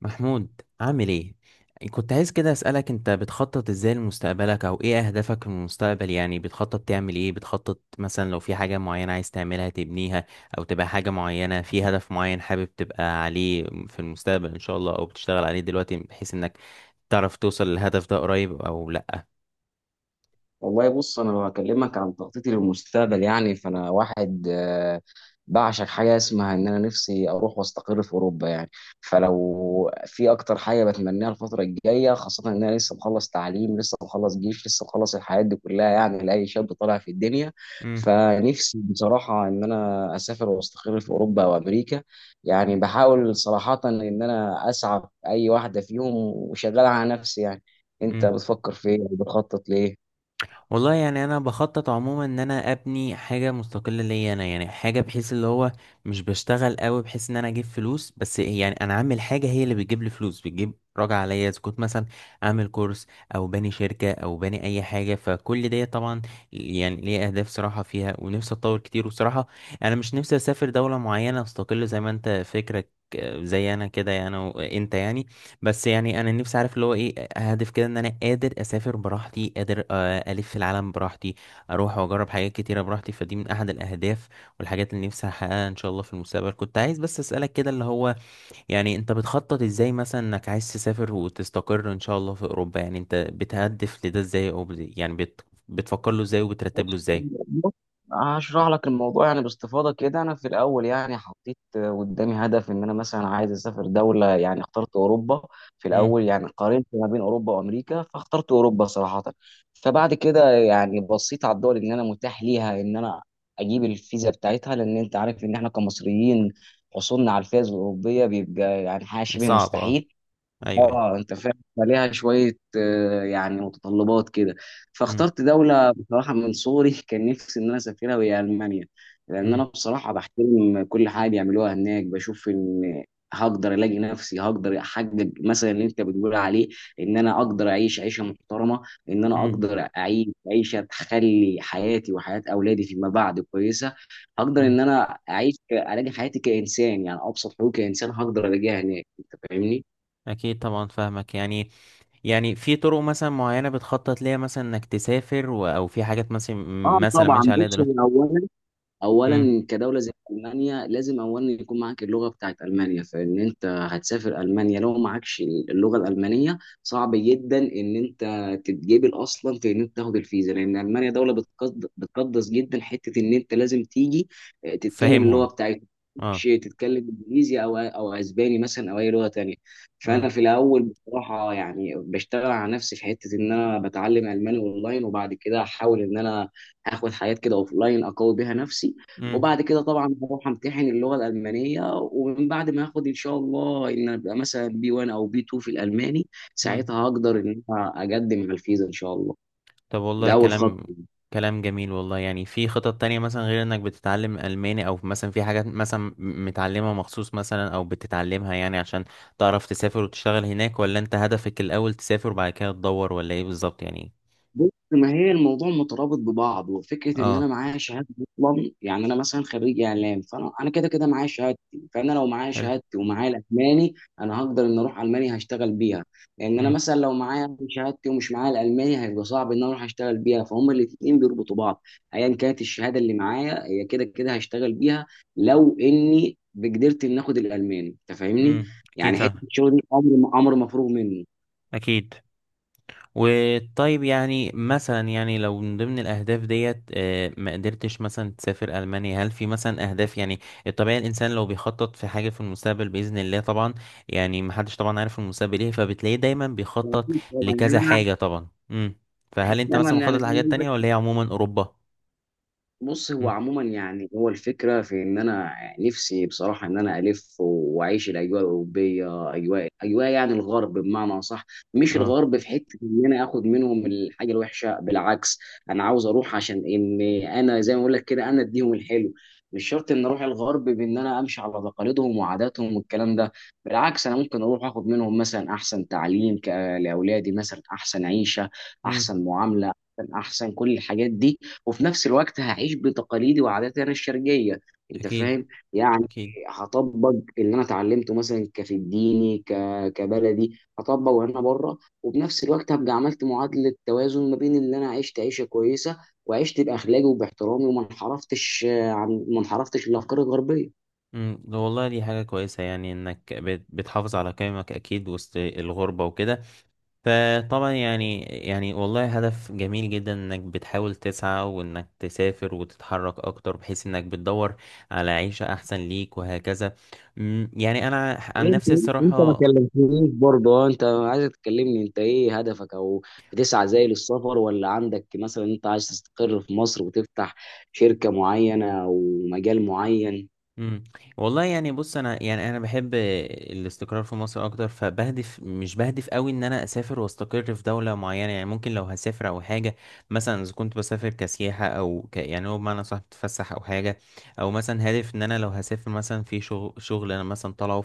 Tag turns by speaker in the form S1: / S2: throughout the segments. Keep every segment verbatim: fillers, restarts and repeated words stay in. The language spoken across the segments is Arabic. S1: محمود، عامل ايه؟ كنت عايز كده اسالك، انت بتخطط ازاي لمستقبلك؟ او ايه اهدافك في المستقبل؟ يعني بتخطط تعمل ايه؟ بتخطط مثلا لو في حاجه معينه عايز تعملها تبنيها، او تبقى حاجه معينه في هدف معين حابب تبقى عليه في المستقبل ان شاء الله، او بتشتغل عليه دلوقتي بحيث انك تعرف توصل للهدف ده قريب او لا؟
S2: والله، بص، انا لو هكلمك عن تخطيطي للمستقبل يعني فانا واحد آه، بعشق حاجه اسمها ان انا نفسي اروح واستقر في اوروبا يعني. فلو في اكتر حاجه بتمنيها الفتره الجايه، خاصه ان انا لسه مخلص تعليم، لسه مخلص جيش، لسه مخلص الحياه دي كلها، يعني لاي شاب طالع في الدنيا. فنفسي بصراحه ان انا اسافر واستقر في اوروبا وامريكا، يعني بحاول صراحه ان انا اسعى في اي واحده فيهم وشغال على نفسي يعني. انت
S1: امم
S2: بتفكر في ايه وبتخطط ليه؟
S1: والله، يعني انا بخطط عموما ان انا ابني حاجه مستقله ليا انا، يعني حاجه بحيث اللي هو مش بشتغل قوي بحيث ان انا اجيب فلوس بس، يعني انا عامل حاجه هي اللي بتجيب لي فلوس، بتجيب راجع عليا، اذا كنت مثلا عامل كورس، او باني شركه، او باني اي حاجه، فكل دي طبعا يعني ليه اهداف صراحه فيها، ونفسي اتطور كتير. وصراحه انا مش نفسي اسافر دوله معينه استقل زي ما انت فكرك، آه، زي انا كده يعني، وانت يعني. بس يعني انا نفسي عارف اللي هو ايه هدف كده، ان انا قادر اسافر براحتي، قادر آه، الف في العالم براحتي، اروح واجرب حاجات كتيره براحتي، فدي من احد الاهداف والحاجات اللي نفسي احققها ان شاء الله في المستقبل. كنت عايز بس اسالك كده اللي هو، يعني انت بتخطط ازاي مثلا انك عايز تسافر وتستقر ان شاء الله في اوروبا؟ يعني انت بتهدف لده ازاي؟ او بت- يعني بت... بتفكر له ازاي وبترتب له
S2: بص
S1: ازاي؟
S2: بص، هشرح لك الموضوع يعني باستفاضه كده. انا في الاول يعني حطيت قدامي هدف ان انا مثلا عايز اسافر دوله، يعني اخترت اوروبا. في
S1: امم.
S2: الاول يعني قارنت ما بين اوروبا وامريكا فاخترت اوروبا صراحه. فبعد كده يعني بصيت على الدول ان انا متاح ليها ان انا اجيب الفيزا بتاعتها، لان انت عارف ان احنا كمصريين حصولنا على الفيزا الاوروبيه بيبقى يعني حاجه شبه
S1: صعب، اه.
S2: مستحيل.
S1: ايوه، ايوه.
S2: اه، انت فاهم، فليها شويه آه، يعني متطلبات كده.
S1: امم،
S2: فاخترت دوله بصراحه من صغري كان نفسي ان انا اسافرها، وهي المانيا. لان انا
S1: امم،
S2: بصراحه بحترم كل حاجه بيعملوها هناك، بشوف ان هقدر الاقي نفسي، هقدر احقق مثلا اللي انت بتقول عليه. ان انا اقدر اعيش عيشه محترمه، ان انا اقدر اعيش عيشه تخلي حياتي وحياه اولادي فيما بعد كويسه. هقدر
S1: امم.
S2: ان انا اعيش الاقي حياتي كانسان، يعني ابسط حقوقي كانسان هقدر الاقيها هناك. انت فاهمني؟
S1: اكيد طبعا فاهمك يعني. يعني في طرق مثلا معينة بتخطط ليها، مثلا انك تسافر و... او في حاجات مثلا،
S2: آه
S1: مثلا
S2: طبعًا،
S1: ماشي عليها
S2: بُص، هو
S1: دلوقتي.
S2: أولًا
S1: امم.
S2: اولا كدوله زي المانيا لازم اولا يكون معاك اللغه بتاعت المانيا. فان انت هتسافر المانيا لو معكش اللغه الالمانيه صعب جدا ان انت تتجبل اصلا في ان انت تاخد الفيزا. لان المانيا دوله بتقد- بتقدس جدا حته ان انت لازم تيجي آه، تتكلم اللغه
S1: فاهمهم.
S2: بتاعتهم، مش
S1: اه،
S2: تتكلم انجليزي او او اسباني مثلا او اي لغه تانية.
S1: اه.
S2: فانا في الاول بصراحه يعني بشتغل على نفسي في حته ان انا بتعلم الماني اونلاين، وبعد كده احاول ان انا هاخد حاجات كده اوف لاين اقوي بيها نفسي.
S1: امم،
S2: وبعد كده طبعا هروح امتحن اللغه الالمانيه، ومن بعد ما اخد ان شاء الله ان ابقى مثلا بي واحد او بي اتنين في الالماني،
S1: امم.
S2: ساعتها هقدر ان انا اقدم على الفيزا ان شاء الله.
S1: طب، والله
S2: ده اول
S1: كلام
S2: خطوه.
S1: كلام جميل والله. يعني في خطط تانية مثلا غير انك بتتعلم الماني، او مثلا في حاجات مثلا م- متعلمها مخصوص مثلا، او بتتعلمها يعني عشان تعرف تسافر وتشتغل هناك؟ ولا انت هدفك الاول تسافر وبعد كده تدور، ولا ايه بالظبط يعني؟
S2: بص، ما هي الموضوع مترابط ببعض. وفكره ان انا
S1: اه.
S2: معايا شهاده اصلا، يعني انا مثلا خريج اعلام، فانا انا كده كده معايا شهادتي. فانا لو معايا
S1: حلو.
S2: شهادتي ومعايا الالماني انا هقدر ان اروح المانيا هشتغل بيها. لان انا
S1: امم،
S2: مثلا لو معايا شهادتي ومش معايا الالماني هيبقى صعب ان انا اروح اشتغل بيها، فهم الاثنين بيربطوا بعض. ايا كانت الشهاده اللي معايا هي كده كده هشتغل بيها لو اني بقدرت ان اخد الالماني. انت فاهمني؟
S1: امم. اكيد
S2: يعني حته
S1: فاهم.
S2: الشغل دي امر امر مفروغ منه.
S1: اكيد. وطيب يعني مثلا، يعني لو من ضمن الأهداف ديت آه، ما قدرتش مثلا تسافر ألمانيا، هل في مثلا أهداف؟ يعني الطبيعي الإنسان لو بيخطط في حاجة في المستقبل بإذن الله طبعا، يعني محدش طبعا عارف المستقبل إيه، فبتلاقيه دايما بيخطط
S2: يعني
S1: لكذا
S2: انا
S1: حاجة طبعا. امم فهل أنت
S2: احيانا،
S1: مثلا
S2: يعني
S1: مخطط
S2: زي ما
S1: لحاجات
S2: بقول لك،
S1: تانية، ولا هي عموما أوروبا؟
S2: بص، هو
S1: امم.
S2: عموما يعني هو الفكره في ان انا نفسي بصراحه ان انا الف واعيش الاجواء الاوروبيه، اجواء اجواء يعني الغرب بمعنى اصح. مش
S1: اه.
S2: الغرب في حته ان انا اخد منهم الحاجه الوحشه، بالعكس. انا عاوز اروح عشان ان انا زي ما اقول لك كده انا اديهم الحلو. مش شرط ان اروح الغرب بان انا امشي على تقاليدهم وعاداتهم والكلام ده، بالعكس. انا ممكن اروح اخد منهم مثلا احسن تعليم ك- لاولادي، مثلا احسن عيشه،
S1: امم.
S2: احسن معامله، احسن أحسن كل الحاجات دي. وفي نفس الوقت هعيش بتقاليدي وعاداتي انا الشرقيه. انت
S1: أكيد،
S2: فاهم؟ يعني
S1: أكيد.
S2: هطبق اللي انا اتعلمته مثلا كفي الديني، ك... كبلدي هطبق وانا بره. وبنفس الوقت هبقى عملت معادله توازن ما بين اللي انا عشت عيشه كويسه، وعشت باخلاقي وباحترامي، وما انحرفتش آه، عن، ما انحرفتش للافكار الغربيه.
S1: امم. ده والله دي حاجة كويسة، يعني إنك بت- بتحافظ على قيمك أكيد وسط الغربة وكده. فطبعا يعني يعني والله هدف جميل جدا انك بتحاول تسعى، وانك تسافر وتتحرك اكتر بحيث انك بتدور على عيشة احسن ليك وهكذا. أمم، يعني انا عن
S2: انت
S1: نفسي
S2: انت ما
S1: الصراحة.
S2: كلمتنيش برضه. اه انت عايز تكلمني، انت ايه هدفك؟ او بتسعى زي للسفر؟ ولا عندك مثلا انت عايز تستقر في مصر وتفتح شركة معينة او مجال معين؟
S1: مم. والله يعني، بص انا، يعني انا بحب الاستقرار في مصر اكتر، فبهدف مش بهدف قوي ان انا اسافر واستقر في دوله معينه. يعني ممكن لو هسافر او حاجه، مثلا اذا كنت بسافر كسياحه، او ك يعني هو بمعنى صح بتفسح او حاجه، او مثلا هدف ان انا لو هسافر مثلا في شغل، شغل انا مثلا طالعه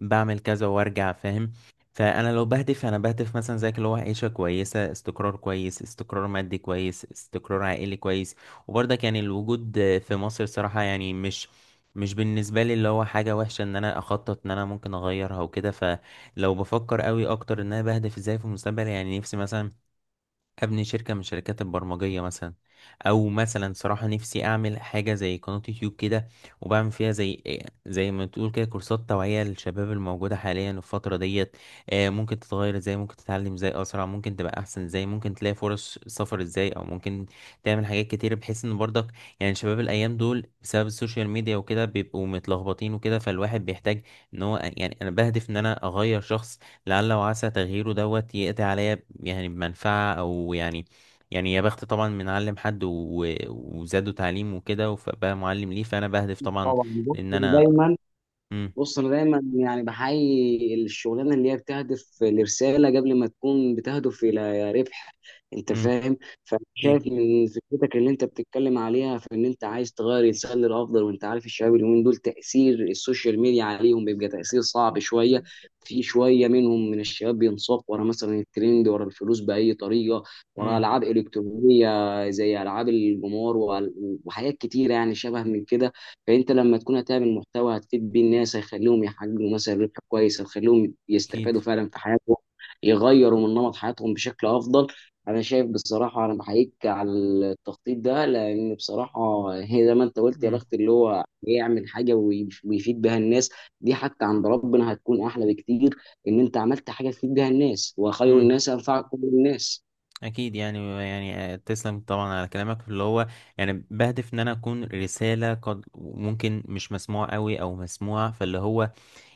S1: فبعمل كذا وارجع فاهم. فانا لو بهدف، انا بهدف مثلا زيك اللي هو عيشه كويسه، استقرار كويس، استقرار مادي كويس، استقرار عائلي كويس. وبرضك يعني الوجود في مصر صراحة يعني مش، مش بالنسبة لي اللي هو حاجة وحشة ان انا اخطط ان انا ممكن اغيرها وكده. فلو بفكر قوي اكتر ان انا بهدف ازاي في المستقبل، يعني نفسي مثلا ابني شركة من شركات البرمجية مثلا، او مثلا صراحة نفسي اعمل حاجة زي قناة يوتيوب كده، وبعمل فيها زي زي ما تقول كده كورسات توعية للشباب الموجودة حاليا الفترة ديت، آه، ممكن تتغير ازاي، ممكن تتعلم ازاي اسرع، ممكن تبقى احسن ازاي، ممكن تلاقي فرص سفر ازاي، او ممكن تعمل حاجات كتير بحيث ان برضك، يعني شباب الايام دول بسبب السوشيال ميديا وكده بيبقوا متلخبطين وكده، فالواحد بيحتاج ان هو، يعني انا بهدف ان انا اغير شخص لعل وعسى تغييره دوت يقضي عليا يعني بمنفعة، أو يعني يعني يا بخت طبعا من علم حد و... وزاده تعليم وكده، فبقى معلم ليه. فأنا بهدف طبعا
S2: طبعا. بص
S1: لأن أنا.
S2: دايما
S1: مم.
S2: بص انا دايما يعني بحيي الشغلانه اللي هي بتهدف لرساله قبل ما تكون بتهدف الى ربح. انت
S1: مم.
S2: فاهم؟
S1: أكيد.
S2: فشايف من فكرتك اللي انت بتتكلم عليها في ان انت عايز تغير الانسان للافضل. وانت عارف الشباب اليومين دول تاثير السوشيال ميديا عليهم بيبقى تاثير صعب شويه. في شويه منهم من الشباب بينساق ورا مثلا الترند، ورا الفلوس باي طريقه، ورا
S1: مم.
S2: العاب الكترونيه زي العاب الجمار، وحاجات كتيره يعني شبه من كده. فانت لما تكون هتعمل محتوى هتفيد بيه الناس، هيخليهم يحققوا مثلا ربح كويس، هيخليهم
S1: أكيد.
S2: يستفادوا فعلا في حياتهم، يغيروا من نمط حياتهم بشكل افضل. انا شايف بصراحه، انا بحييك على التخطيط ده. لان بصراحه هي زي ما انت قلت، يا
S1: مم.
S2: بخت اللي هو يعمل حاجه ويف- ويفيد بها الناس. دي حتى عند ربنا هتكون احلى بكتير، ان انت عملت حاجه تفيد بها الناس، وخير
S1: مم.
S2: الناس انفعكم للناس.
S1: أكيد، يعني يعني تسلم طبعا على كلامك اللي هو، يعني بهدف إن أنا أكون رسالة، قد ممكن مش مسموع قوي أو مسموع، فاللي هو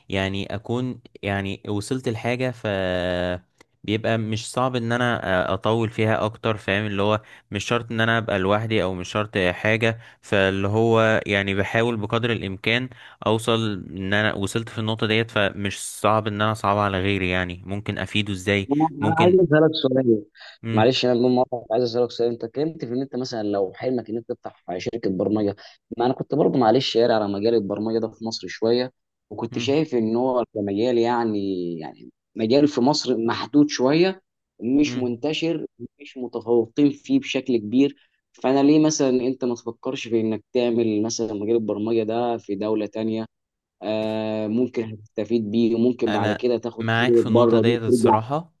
S1: يعني اكون يعني وصلت لحاجة، ف بيبقى مش صعب ان انا أ- اطول فيها اكتر فاهم. اللي هو مش شرط ان انا ابقى لوحدي، او مش شرط حاجة. فاللي هو يعني بحاول بقدر الامكان اوصل ان انا وصلت في النقطة ديت، فمش صعب ان انا اصعب على غيري، يعني ممكن افيده ازاي.
S2: انا أنا عايز
S1: ممكن.
S2: اسالك سؤال.
S1: مم.
S2: معلش انا بدون مقاطعه عايز اسالك سؤال. انت اتكلمت في ان انت مثلا لو حلمك ان انت تفتح شركه برمجه، ما انا كنت برضه معلش قاري على مجال البرمجه ده في مصر شويه، وكنت
S1: مم.
S2: شايف ان هو كمجال يعني يعني مجال في مصر محدود شويه، مش
S1: مم.
S2: منتشر، مش متفوقين فيه بشكل كبير. فانا ليه مثلا انت ما تفكرش في انك تعمل مثلا مجال البرمجه ده في دوله تانية؟ آه ممكن هتستفيد بيه، وممكن بعد
S1: انا
S2: كده تاخد
S1: معاك
S2: خبرة
S1: في النقطة
S2: بره دي
S1: ديت
S2: وترجع.
S1: الصراحة،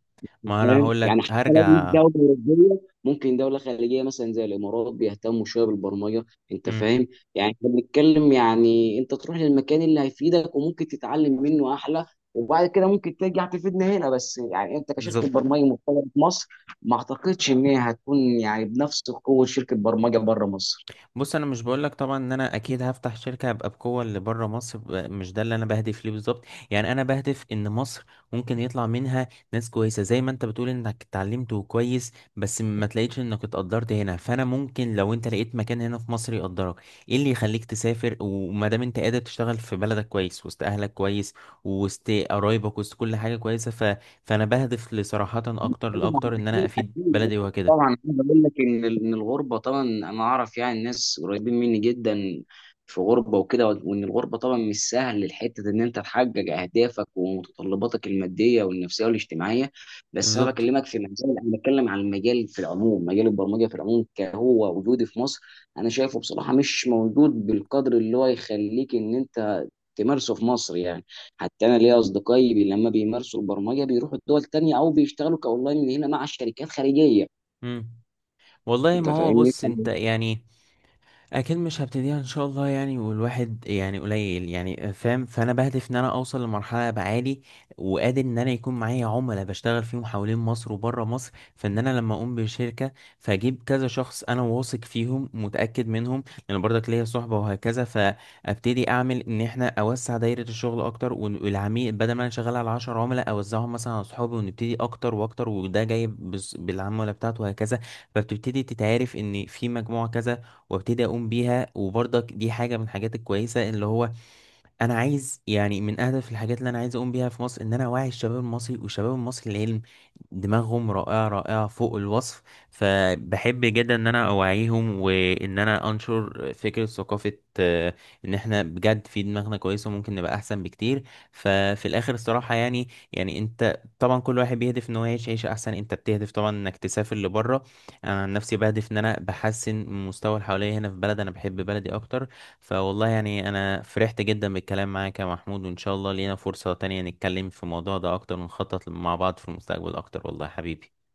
S1: ما انا
S2: فاهم؟
S1: هقول
S2: يعني
S1: لك
S2: حتى لو مش
S1: هرجع.
S2: دوله اوروبيه ممكن دوله خليجيه مثلا زي الامارات بيهتموا شويه بالبرمجه. انت
S1: مم.
S2: فاهم؟ يعني احنا بنتكلم، يعني انت تروح للمكان اللي هيفيدك وممكن تتعلم منه احلى، وبعد كده ممكن ترجع تفيدنا هنا. بس يعني انت كشركه
S1: بالظبط.
S2: برمجه محترمه في مصر، ما اعتقدش ان هي هتكون يعني بنفس قوه شركه برمجه بره مصر.
S1: بص انا مش بقولك طبعا ان انا اكيد هفتح شركه هبقى بقوه اللي بره مصر، ب- مش ده اللي انا بهدف ليه بالظبط. يعني انا بهدف ان مصر ممكن يطلع منها ناس كويسه، زي ما انت بتقول انك اتعلمت وكويس بس ما تلاقيش انك اتقدرت هنا. فانا ممكن لو انت لقيت مكان هنا في مصر يقدرك، ايه اللي يخليك تسافر؟ وما دام انت قادر تشتغل في بلدك كويس وسط اهلك كويس، وسط قرايبك وسط كل حاجه كويسه ف... فانا بهدف لصراحه اكتر،
S2: طبعا.
S1: لاكتر ان انا
S2: اكيد،
S1: افيد
S2: اكيد.
S1: بلدي
S2: طبعا
S1: وهكده.
S2: عايز اقول لك ان ان الغربه طبعا انا اعرف يعني ناس قريبين مني جدا في غربه وكده. وان الغربه طبعا مش سهل الحته ان انت تحقق اهدافك ومتطلباتك الماديه والنفسيه والاجتماعيه. بس انا
S1: بالظبط.
S2: بكلمك في مجال، انا بتكلم عن المجال في العموم، مجال البرمجه في العموم، كهو وجودي في مصر انا شايفه بصراحه مش موجود بالقدر اللي هو يخليك ان انت تمارسه في مصر يعني. حتى انا ليا اصدقائي بي- لما بيمارسوا البرمجه بيروحوا الدول تانية او بيشتغلوا كاونلاين من هنا مع شركات خارجيه.
S1: مم. والله
S2: انت
S1: ما هو
S2: فاهمني؟
S1: بص انت يعني، اكيد مش هبتديها ان شاء الله يعني، والواحد يعني قليل يعني فاهم. فانا بهدف ان انا اوصل لمرحله ابقى عالي، وقادر ان انا يكون معايا عملاء بشتغل فيهم حوالين مصر وبره مصر، فان انا لما اقوم بشركه فاجيب كذا شخص انا واثق فيهم متاكد منهم، لان برضك ليا صحبه وهكذا، فابتدي اعمل ان احنا اوسع دايره الشغل اكتر. وال- والعميل بدل ما انا شغال على عشرة عملاء اوزعهم مثلا على صحابي ونبتدي اكتر واكتر، وده جاي بس- بالعملاء بتاعته وهكذا. فبتبتدي تتعرف ان في مجموعه كذا، وابتدي اقوم بيها. وبرضك دي حاجه من الحاجات الكويسه اللي هو، انا عايز يعني من اهدف الحاجات اللي انا عايز اقوم بيها في مصر، ان انا اوعي الشباب المصري، والشباب المصري العلم دماغهم رائعة، رائعة فوق الوصف. فبحب جدا ان انا اوعيهم، وان انا انشر فكرة ثقافة آه، ان احنا بجد في دماغنا كويسة وممكن نبقى احسن بكتير. ففي الاخر الصراحة، يعني يعني انت طبعا كل واحد بيهدف ان هو يعيش عيشة احسن، انت بتهدف طبعا انك تسافر لبره. انا عن نفسي بهدف ان انا بحسن من مستوى اللي حواليا هنا في بلد، انا بحب بلدي اكتر. فوالله يعني انا فرحت جدا بالكلام معاك يا محمود، وان شاء الله لينا فرصة تانية نتكلم في الموضوع ده اكتر، ونخطط مع بعض في المستقبل اكتر والله يا حبيبي.